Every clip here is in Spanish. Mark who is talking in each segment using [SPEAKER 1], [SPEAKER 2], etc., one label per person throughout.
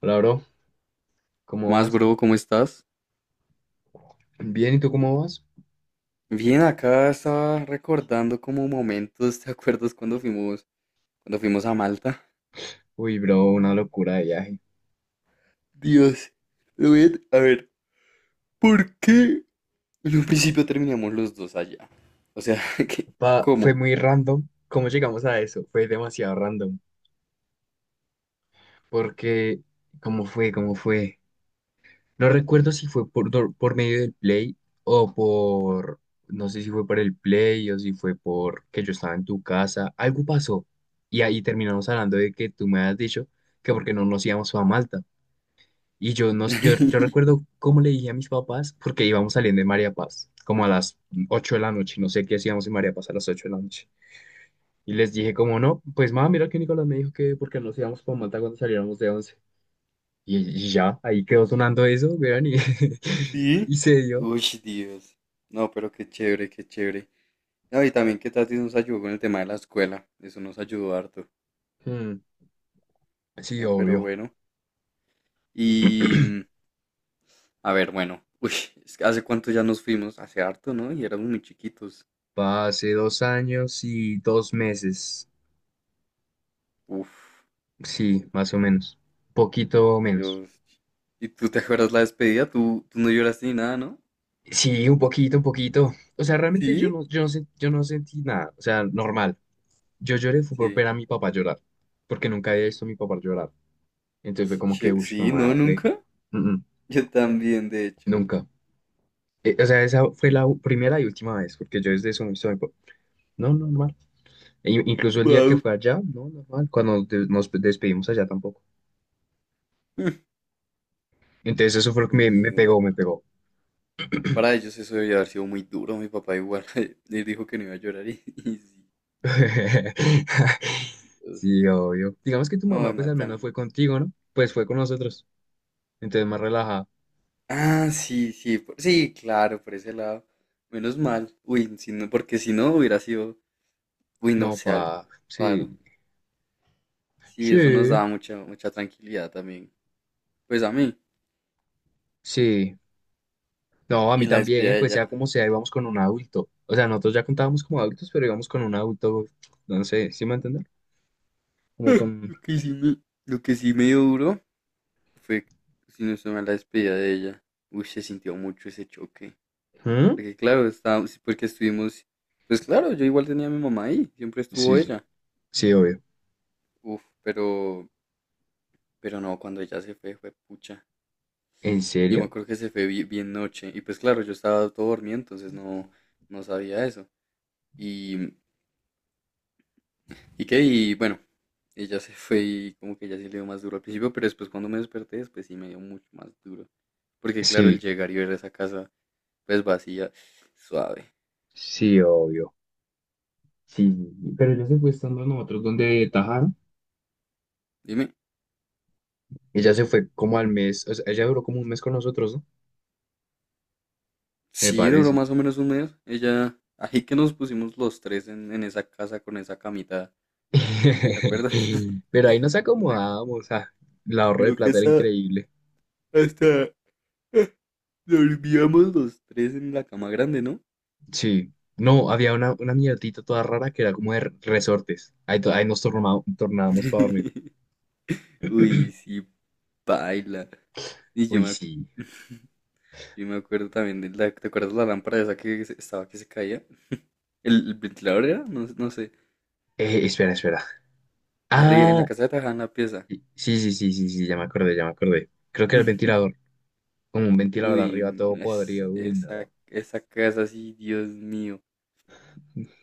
[SPEAKER 1] Hola, bro, ¿cómo
[SPEAKER 2] Más
[SPEAKER 1] vas?
[SPEAKER 2] bro, ¿cómo estás?
[SPEAKER 1] Bien, ¿y tú cómo vas?
[SPEAKER 2] Bien, acá estaba recordando como momentos, ¿te acuerdas cuando fuimos a Malta?
[SPEAKER 1] Uy, bro, una locura de viaje.
[SPEAKER 2] Dios, lo Rubén, a ver, ¿por qué en un principio terminamos los dos allá? O sea, ¿qué?
[SPEAKER 1] Fue
[SPEAKER 2] ¿Cómo?
[SPEAKER 1] muy random. ¿Cómo llegamos a eso? Fue demasiado random. Porque, ¿cómo fue? ¿Cómo fue? No recuerdo si fue por medio del Play o por. No sé si fue por el Play o si fue por que yo estaba en tu casa. Algo pasó. Y ahí terminamos hablando de que tú me has dicho que porque no nos íbamos a Malta. Y yo, no, yo recuerdo cómo le dije a mis papás, porque íbamos saliendo de María Paz, como a las 8 de la noche, no sé qué hacíamos en María Paz a las 8 de la noche. Y les dije como, no, pues mamá, mira que Nicolás me dijo que porque nos íbamos para Manta cuando saliéramos de once. Y ya, ahí quedó sonando eso, vean, y
[SPEAKER 2] ¿Sí?
[SPEAKER 1] y se dio.
[SPEAKER 2] Uy, Dios. No, pero qué chévere, qué chévere. No, y también que Tati nos ayudó con el tema de la escuela. Eso nos ayudó harto.
[SPEAKER 1] Hmm. Sí,
[SPEAKER 2] No, pero
[SPEAKER 1] obvio.
[SPEAKER 2] bueno. Y, a ver, bueno. Uy, es que hace cuánto ya nos fuimos. Hace harto, ¿no? Y éramos muy chiquitos.
[SPEAKER 1] Hace 2 años y 2 meses.
[SPEAKER 2] Uf,
[SPEAKER 1] Sí, más o menos. Poquito menos.
[SPEAKER 2] Dios. ¿Y tú te acuerdas la despedida? ¿Tú no lloraste ni nada, ¿no?
[SPEAKER 1] Sí, un poquito, un poquito. O sea, realmente yo
[SPEAKER 2] ¿Sí?
[SPEAKER 1] no, yo no, sen- yo no sentí nada. O sea, normal. Yo lloré fue por
[SPEAKER 2] Sí.
[SPEAKER 1] ver a mi papá llorar, porque nunca había visto a mi papá llorar. Entonces fue como que, uy,
[SPEAKER 2] Sí,
[SPEAKER 1] mamá,
[SPEAKER 2] no,
[SPEAKER 1] reca.
[SPEAKER 2] nunca.
[SPEAKER 1] Mm, mm,
[SPEAKER 2] Yo también, de hecho.
[SPEAKER 1] nunca. O sea, esa fue la primera y última vez, porque yo desde eso no he visto a mi papá. No, normal. E incluso el día que
[SPEAKER 2] Wow.
[SPEAKER 1] fue allá, no, normal. Cuando nos despedimos allá tampoco. Entonces eso fue lo que me
[SPEAKER 2] Dios.
[SPEAKER 1] pegó, me pegó.
[SPEAKER 2] Que para ellos eso debió haber sido muy duro. Mi papá igual le dijo que no iba a llorar y, y sí. Dios.
[SPEAKER 1] Sí, obvio. Digamos que tu
[SPEAKER 2] No,
[SPEAKER 1] mamá, pues
[SPEAKER 2] además
[SPEAKER 1] al menos
[SPEAKER 2] también.
[SPEAKER 1] fue contigo, ¿no? Pues fue con nosotros. Entonces más relajada.
[SPEAKER 2] Ah, sí, sí, sí, claro, por ese lado. Menos mal. Uy, si no, porque si no hubiera sido, uy, no
[SPEAKER 1] No,
[SPEAKER 2] sé, algo
[SPEAKER 1] pa, sí.
[SPEAKER 2] raro. Sí, eso nos
[SPEAKER 1] Sí,
[SPEAKER 2] daba mucha, mucha tranquilidad también. Pues a mí.
[SPEAKER 1] sí. No, a mí
[SPEAKER 2] Y la
[SPEAKER 1] también,
[SPEAKER 2] despedida de
[SPEAKER 1] pues sea
[SPEAKER 2] ella.
[SPEAKER 1] como sea, íbamos con un adulto. O sea, nosotros ya contábamos como adultos, pero íbamos con un adulto, no sé, ¿sí me entienden? Como con.
[SPEAKER 2] Lo que sí me, lo que sí me dio duro fue, si no estoy mal, la despedida de ella. Uy, se sintió mucho ese choque.
[SPEAKER 1] ¿Mm?
[SPEAKER 2] Porque claro, estábamos, sí, porque estuvimos, pues claro, yo igual tenía a mi mamá ahí, siempre estuvo
[SPEAKER 1] Sí, sí,
[SPEAKER 2] ella.
[SPEAKER 1] sí, obvio.
[SPEAKER 2] Uf, pero no, cuando ella se fue, fue pucha.
[SPEAKER 1] ¿En
[SPEAKER 2] Yo me
[SPEAKER 1] serio?
[SPEAKER 2] acuerdo que se fue bien noche. Y pues claro, yo estaba todo dormido, entonces no, no sabía eso. Y, y qué, y bueno, ella se fue y como que ya sí le dio más duro al principio, pero después cuando me desperté, después sí me dio mucho más duro. Porque claro, el
[SPEAKER 1] Sí,
[SPEAKER 2] llegar y ver esa casa, pues vacía, suave.
[SPEAKER 1] sí, obvio. Sí, sí, sí, pero ella se fue estando a nosotros donde tajaron.
[SPEAKER 2] Dime,
[SPEAKER 1] Ella se fue como al mes, o sea, ella duró como un mes con nosotros, ¿no? Me
[SPEAKER 2] sí duró
[SPEAKER 1] parece.
[SPEAKER 2] más o menos un mes. Ella, ahí que nos pusimos los tres en esa casa con esa camita, ¿te acuerdas?
[SPEAKER 1] Pero ahí nos
[SPEAKER 2] Una-
[SPEAKER 1] acomodábamos, ah, el ahorro de
[SPEAKER 2] creo que
[SPEAKER 1] plata era
[SPEAKER 2] hasta,
[SPEAKER 1] increíble.
[SPEAKER 2] hasta dormíamos los tres en la cama grande, ¿no?
[SPEAKER 1] Sí. No, había una mierdita toda rara que era como de resortes. Ahí nos tornábamos para dormir.
[SPEAKER 2] Uy, sí, baila. Y
[SPEAKER 1] Uy, sí.
[SPEAKER 2] yo me acuerdo también de la, ¿te acuerdas la lámpara esa que estaba que se caía? El ventilador era? No, no sé.
[SPEAKER 1] Espera, espera.
[SPEAKER 2] Arriba, en la
[SPEAKER 1] Ah,
[SPEAKER 2] casa de Tajada, en la pieza.
[SPEAKER 1] sí, sí, sí, sí, sí, ya me acordé, ya me acordé. Creo que era el ventilador. Como un ventilador arriba
[SPEAKER 2] Uy,
[SPEAKER 1] todo
[SPEAKER 2] es,
[SPEAKER 1] podrido. Uy,
[SPEAKER 2] esa,
[SPEAKER 1] no.
[SPEAKER 2] esa casa, sí, Dios mío.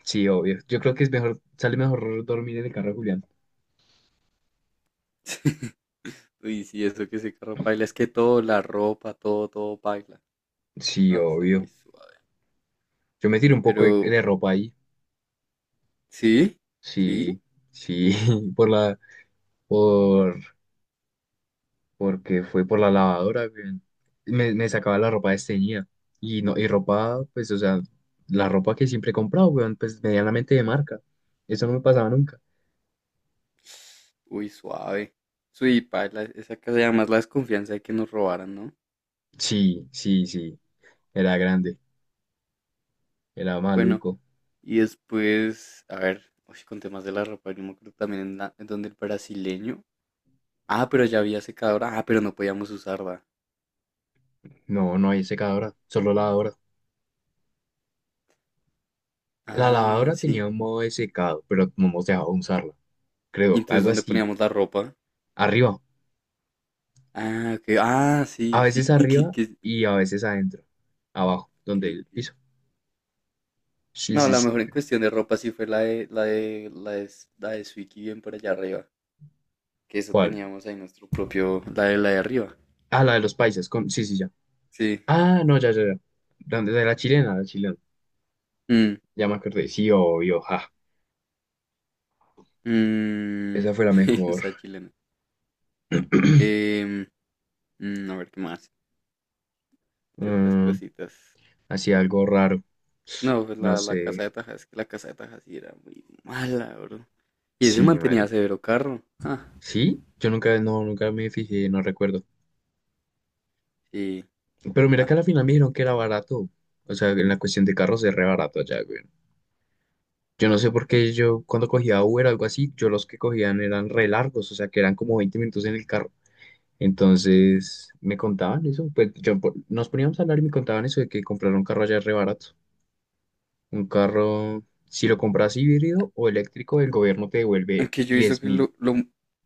[SPEAKER 1] Sí, obvio. Yo creo que es mejor, sale mejor dormir en el carro de Julián.
[SPEAKER 2] Uy, sí, eso que se carro paila, es que todo, la ropa, todo, todo paila.
[SPEAKER 1] Sí,
[SPEAKER 2] No, eso muy
[SPEAKER 1] obvio.
[SPEAKER 2] suave.
[SPEAKER 1] Yo me tiré un poco de,
[SPEAKER 2] Pero,
[SPEAKER 1] de ropa ahí.
[SPEAKER 2] ¿sí? ¿Sí?
[SPEAKER 1] Sí, sí, por la, por porque fue por la lavadora, güey. Me sacaba la ropa desteñida. Y, no, y ropa, pues, o sea, la ropa que siempre he comprado, weón, pues medianamente de marca. Eso no me pasaba nunca.
[SPEAKER 2] Uy, suave. Uy, paila, esa casa y además la desconfianza de que nos robaran, ¿no?
[SPEAKER 1] Sí, sí, sí, era grande, era
[SPEAKER 2] Bueno,
[SPEAKER 1] maluco.
[SPEAKER 2] y después, a ver, uy, con temas de la ropa, yo me acuerdo también en, en donde el brasileño. Ah, pero ya había secadora. Ah, pero no podíamos usarla.
[SPEAKER 1] No, no hay secadora, solo lavadora. La
[SPEAKER 2] Ah,
[SPEAKER 1] lavadora tenía
[SPEAKER 2] sí.
[SPEAKER 1] un modo de secado, pero no nos dejaba usarla,
[SPEAKER 2] Y
[SPEAKER 1] creo,
[SPEAKER 2] entonces,
[SPEAKER 1] algo
[SPEAKER 2] ¿dónde
[SPEAKER 1] así.
[SPEAKER 2] poníamos la ropa?
[SPEAKER 1] Arriba,
[SPEAKER 2] Ah, ok. Ah,
[SPEAKER 1] a
[SPEAKER 2] sí,
[SPEAKER 1] veces
[SPEAKER 2] sí. que-
[SPEAKER 1] arriba
[SPEAKER 2] que-
[SPEAKER 1] y a veces adentro, abajo, donde
[SPEAKER 2] que-
[SPEAKER 1] el
[SPEAKER 2] que-
[SPEAKER 1] piso. Sí,
[SPEAKER 2] No,
[SPEAKER 1] sí,
[SPEAKER 2] la
[SPEAKER 1] sí.
[SPEAKER 2] mejor en cuestión de ropa sí fue la de Swiki bien por allá arriba. Que eso
[SPEAKER 1] ¿Cuál?
[SPEAKER 2] teníamos ahí nuestro propio, la de arriba.
[SPEAKER 1] Ah, la de los paisas, con. Sí, sí, ya.
[SPEAKER 2] Sí.
[SPEAKER 1] Ah, no, ya, ya, ya. De la chilena, la chilena.
[SPEAKER 2] Mm,
[SPEAKER 1] Ya me acordé. Sí, obvio, ja.
[SPEAKER 2] mm,
[SPEAKER 1] Esa fue la mejor.
[SPEAKER 2] Esa chilena. Em, a ver qué más, qué otras
[SPEAKER 1] Mm,
[SPEAKER 2] cositas.
[SPEAKER 1] hacía algo raro.
[SPEAKER 2] No, pues
[SPEAKER 1] No
[SPEAKER 2] la casa
[SPEAKER 1] sé.
[SPEAKER 2] de Taja, es que la casa de Taja sí era muy mala, bro. Y ese
[SPEAKER 1] Sí,
[SPEAKER 2] mantenía
[SPEAKER 1] marica.
[SPEAKER 2] severo carro. Ah,
[SPEAKER 1] ¿Sí? Yo nunca, no, nunca me fijé, no recuerdo.
[SPEAKER 2] sí.
[SPEAKER 1] Pero mira
[SPEAKER 2] Ah.
[SPEAKER 1] que a la final me dijeron que era barato. O sea, en la cuestión de carros es re barato allá, güey. Yo no sé por qué yo, cuando cogía Uber o algo así, yo los que cogían eran re largos. O sea, que eran como 20 minutos en el carro. Entonces me contaban eso, pues nos poníamos a hablar y me contaban eso de que comprar un carro allá es re barato. Un carro, si lo compras híbrido o eléctrico, el gobierno te devuelve
[SPEAKER 2] Aunque yo he visto
[SPEAKER 1] diez
[SPEAKER 2] que
[SPEAKER 1] mil.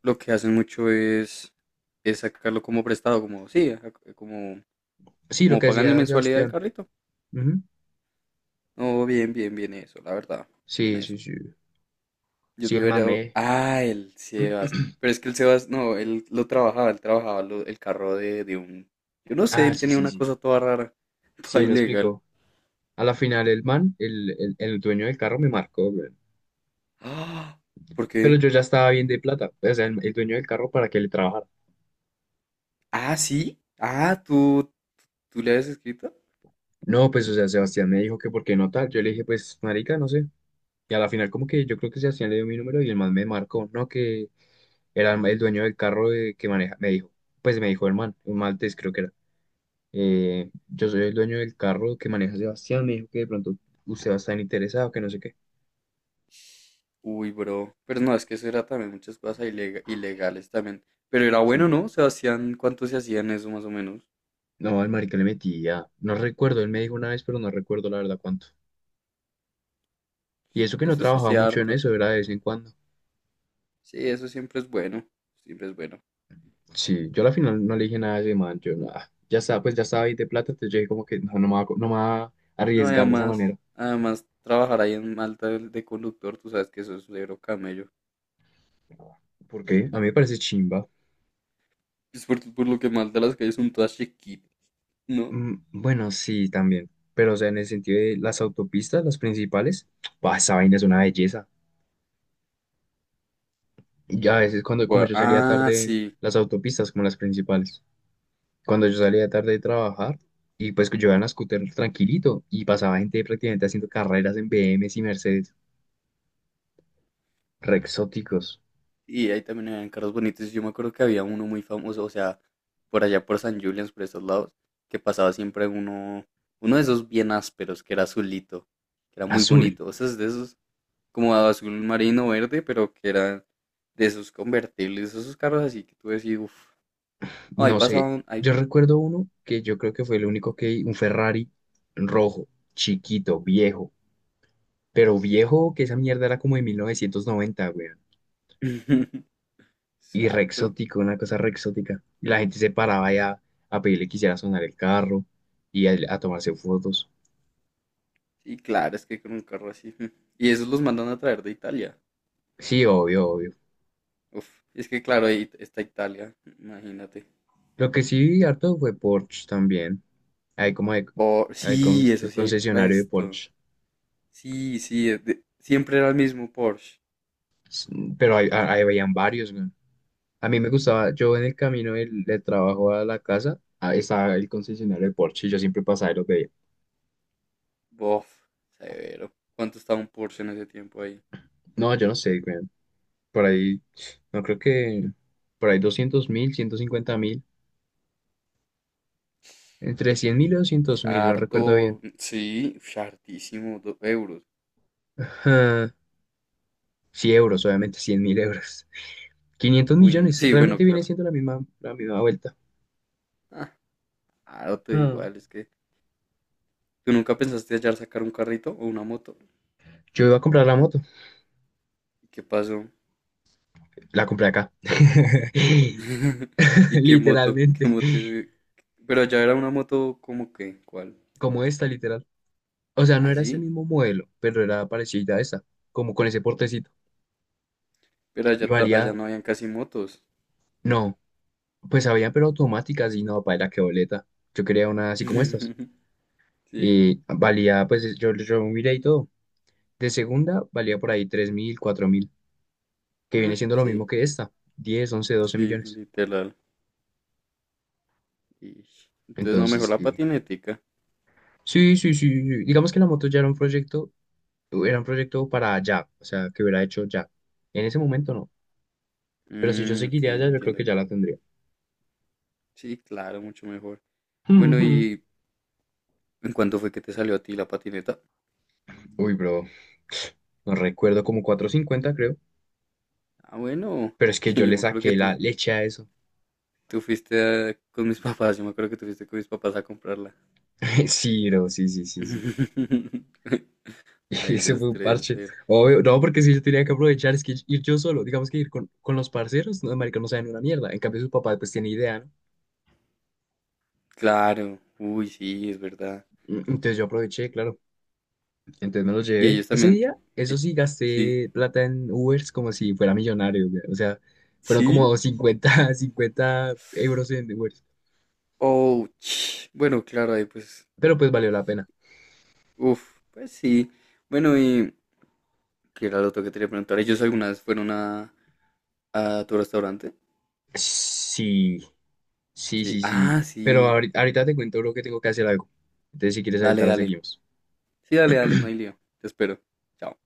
[SPEAKER 2] lo que hacen mucho es sacarlo como prestado, como sí, ajá, como,
[SPEAKER 1] Sí, lo
[SPEAKER 2] como
[SPEAKER 1] que
[SPEAKER 2] pagando
[SPEAKER 1] decía
[SPEAKER 2] mensualidad del
[SPEAKER 1] Sebastián.
[SPEAKER 2] carrito.
[SPEAKER 1] Ujú.
[SPEAKER 2] No, bien, bien, bien eso, la verdad, bien
[SPEAKER 1] Sí, sí,
[SPEAKER 2] eso.
[SPEAKER 1] sí.
[SPEAKER 2] Yo
[SPEAKER 1] Sí, el man
[SPEAKER 2] tuviera,
[SPEAKER 1] me.
[SPEAKER 2] ah, el Sebas, pero es que el Sebas, no, él lo trabajaba, él trabajaba el carro de un, yo no sé,
[SPEAKER 1] Ah,
[SPEAKER 2] él
[SPEAKER 1] sí,
[SPEAKER 2] tenía
[SPEAKER 1] sí,
[SPEAKER 2] una
[SPEAKER 1] sí.
[SPEAKER 2] cosa toda rara,
[SPEAKER 1] Sí,
[SPEAKER 2] toda
[SPEAKER 1] él me
[SPEAKER 2] ilegal.
[SPEAKER 1] explicó. A la final el man, el dueño del carro me marcó, güey.
[SPEAKER 2] Ah, ¿por
[SPEAKER 1] Pero
[SPEAKER 2] qué?
[SPEAKER 1] yo ya estaba bien de plata. O sea, el dueño del carro para que le trabajara.
[SPEAKER 2] Ah, sí, ah, tú le habías escrito.
[SPEAKER 1] No, pues, o sea, Sebastián me dijo que por qué no tal. Yo le dije, pues, marica, no sé. Y a la final como que yo creo que Sebastián le dio mi número y el man me marcó, ¿no? Que era el dueño del que maneja, me dijo, pues me dijo el man, un maltés creo que era. Yo soy el dueño del carro que maneja Sebastián, me dijo que de pronto usted va a estar interesado, que no sé qué.
[SPEAKER 2] Uy, bro, pero no, es que eso era también muchas cosas ilegales también. Pero era bueno,
[SPEAKER 1] Sí.
[SPEAKER 2] ¿no? Sebastián, ¿cuánto se hacían eso más o menos?
[SPEAKER 1] No, al marica le metía, no recuerdo, él me dijo una vez, pero no recuerdo la verdad cuánto. Y eso que no
[SPEAKER 2] Eso se
[SPEAKER 1] trabajaba
[SPEAKER 2] hacía
[SPEAKER 1] mucho en
[SPEAKER 2] harto.
[SPEAKER 1] eso, era de vez en cuando.
[SPEAKER 2] Sí, eso siempre es bueno. Siempre es bueno.
[SPEAKER 1] Sí, yo a la final no le dije nada a ese man, yo nada, ya estaba, pues ya estaba ahí de plata, entonces yo dije como que no, no me va, no me va a
[SPEAKER 2] No, y
[SPEAKER 1] arriesgar de esa
[SPEAKER 2] además,
[SPEAKER 1] manera.
[SPEAKER 2] además, trabajar ahí en Malta de conductor, tú sabes que eso es un negro camello.
[SPEAKER 1] ¿Por qué? A mí me parece chimba.
[SPEAKER 2] Es por lo que Malta las calles son todas chiquitas, ¿no?
[SPEAKER 1] Bueno, sí, también. Pero, o sea, en el sentido de las autopistas, las principales, ¡buah, esa vaina es una belleza! Y a veces cuando, como yo salía
[SPEAKER 2] Ah,
[SPEAKER 1] tarde,
[SPEAKER 2] sí.
[SPEAKER 1] las autopistas como las principales. Cuando yo salía tarde de trabajar, y pues que yo iba en la scooter tranquilito, y pasaba gente prácticamente haciendo carreras en BMWs y Mercedes. Re exóticos.
[SPEAKER 2] Y ahí también habían carros bonitos. Yo me acuerdo que había uno muy famoso, o sea, por allá por San Julián, por esos lados, que pasaba siempre uno, uno de esos bien ásperos, que era azulito, que era muy
[SPEAKER 1] Azul.
[SPEAKER 2] bonito. O sea, es de esos como azul marino verde, pero que eran de esos convertibles, esos carros así que tú decís, uff, ahí
[SPEAKER 1] No sé.
[SPEAKER 2] pasaban, ahí,
[SPEAKER 1] Yo recuerdo uno que yo creo que fue el único que vi, un Ferrari rojo, chiquito, viejo. Pero viejo, que esa mierda era como de 1990, weón. Y re
[SPEAKER 2] harto.
[SPEAKER 1] exótico, una cosa re exótica. Y la gente se paraba ya a pedirle que hiciera sonar el carro y a tomarse fotos.
[SPEAKER 2] Y claro, es que con un carro así. Mm. Y esos los mandan a traer de Italia.
[SPEAKER 1] Sí, obvio, obvio.
[SPEAKER 2] Uf, es que claro, ahí está Italia, imagínate.
[SPEAKER 1] Lo que sí vi harto fue Porsche también. Hay como de-
[SPEAKER 2] Oh,
[SPEAKER 1] hay con-
[SPEAKER 2] sí, eso sí hay
[SPEAKER 1] concesionario de
[SPEAKER 2] resto.
[SPEAKER 1] Porsche.
[SPEAKER 2] Sí, sí, siempre era el mismo Porsche.
[SPEAKER 1] S- Pero ahí veían varios, weón. A mí me gustaba, yo en el camino del trabajo a la casa, ah, estaba el concesionario de Porsche y yo siempre pasaba y los veía.
[SPEAKER 2] Bof, severo. ¿Cuánto estaba un Porsche en ese tiempo ahí?
[SPEAKER 1] No, yo no sé, weón, por ahí, no creo que por ahí 200.000, 150.000, entre 100.000 y 200.000, no recuerdo bien.
[SPEAKER 2] Harto, sí, uf, hartísimo, dos euros.
[SPEAKER 1] Ah, sí, euros, obviamente, 100.000 euros, quinientos
[SPEAKER 2] Uy,
[SPEAKER 1] millones,
[SPEAKER 2] sí, bueno,
[SPEAKER 1] realmente viene
[SPEAKER 2] claro.
[SPEAKER 1] siendo la misma vuelta.
[SPEAKER 2] Ah, ah, no te da
[SPEAKER 1] Mm.
[SPEAKER 2] igual, es que tú nunca pensaste hallar sacar un carrito o una moto.
[SPEAKER 1] Yo iba a comprar la moto,
[SPEAKER 2] ¿Y qué pasó?
[SPEAKER 1] la compré acá,
[SPEAKER 2] ¿Y qué moto? ¿Qué
[SPEAKER 1] literalmente,
[SPEAKER 2] moto? Pero allá era una moto como que, ¿cuál?
[SPEAKER 1] como esta, literal. O sea, no era ese
[SPEAKER 2] ¿Así?
[SPEAKER 1] mismo modelo, pero era parecida a esa, como con ese portecito.
[SPEAKER 2] Pero
[SPEAKER 1] Y
[SPEAKER 2] allá, allá
[SPEAKER 1] valía,
[SPEAKER 2] no habían casi motos.
[SPEAKER 1] no, pues había, pero automáticas y no, paila, qué boleta. Yo quería una así como estas.
[SPEAKER 2] Sí,
[SPEAKER 1] Y valía, pues yo miré y todo. De segunda valía por ahí 3.000, 4.000, que viene siendo lo
[SPEAKER 2] sí,
[SPEAKER 1] mismo que esta, 10 11 12
[SPEAKER 2] sí,
[SPEAKER 1] millones.
[SPEAKER 2] literal. Y entonces no, mejor
[SPEAKER 1] Entonces,
[SPEAKER 2] la
[SPEAKER 1] sí.
[SPEAKER 2] patinética.
[SPEAKER 1] Sí, sí, sí, sí. Digamos que la moto ya era un proyecto para ya, o sea, que hubiera hecho ya. En ese momento no. Pero si yo
[SPEAKER 2] Mm, ok,
[SPEAKER 1] seguiría allá, yo creo
[SPEAKER 2] entiendo.
[SPEAKER 1] que ya la tendría.
[SPEAKER 2] Sí, claro, mucho mejor. Bueno,
[SPEAKER 1] Ujú.
[SPEAKER 2] ¿y en cuánto fue que te salió a ti la patineta?
[SPEAKER 1] Uy, bro. No recuerdo como 450 creo.
[SPEAKER 2] Ah, bueno,
[SPEAKER 1] Pero es que yo
[SPEAKER 2] yo
[SPEAKER 1] le
[SPEAKER 2] me acuerdo que
[SPEAKER 1] saqué la
[SPEAKER 2] tú
[SPEAKER 1] leche a eso.
[SPEAKER 2] Tú fuiste con mis papás, yo me acuerdo que tú fuiste con mis papás a comprarla.
[SPEAKER 1] Sí, bro, sí, sí, sí, sí. Y
[SPEAKER 2] Ay,
[SPEAKER 1] ese
[SPEAKER 2] los
[SPEAKER 1] fue un
[SPEAKER 2] tres,
[SPEAKER 1] parche.
[SPEAKER 2] er-
[SPEAKER 1] Obvio, no, porque si yo tenía que aprovechar, es que ir yo solo, digamos que ir con los parceros, no, marica, no saben una mierda. En cambio, su papá, pues, tiene idea, ¿no?
[SPEAKER 2] Claro, uy, sí, es verdad.
[SPEAKER 1] Entonces yo aproveché, claro. Entonces me los
[SPEAKER 2] Y
[SPEAKER 1] llevé.
[SPEAKER 2] ellos
[SPEAKER 1] Ese
[SPEAKER 2] también,
[SPEAKER 1] día, eso
[SPEAKER 2] eh,
[SPEAKER 1] sí,
[SPEAKER 2] sí,
[SPEAKER 1] gasté plata en Ubers como si fuera millonario, güey. O sea, fueron
[SPEAKER 2] sí,
[SPEAKER 1] como cincuenta euros en Ubers.
[SPEAKER 2] oh, ch- bueno, claro, ahí pues,
[SPEAKER 1] Pero pues valió la pena.
[SPEAKER 2] uff, pues sí. Bueno, y que era lo otro que te quería preguntar, ¿ellos alguna vez fueron a tu restaurante?
[SPEAKER 1] Sí, sí,
[SPEAKER 2] Sí,
[SPEAKER 1] sí, sí.
[SPEAKER 2] ah,
[SPEAKER 1] Pero ahorita, te cuento lo que tengo que hacer algo. Entonces, si quieres,
[SPEAKER 2] dale,
[SPEAKER 1] ahorita la
[SPEAKER 2] dale,
[SPEAKER 1] seguimos.
[SPEAKER 2] sí, dale, dale, no hay lío, te espero. Chao.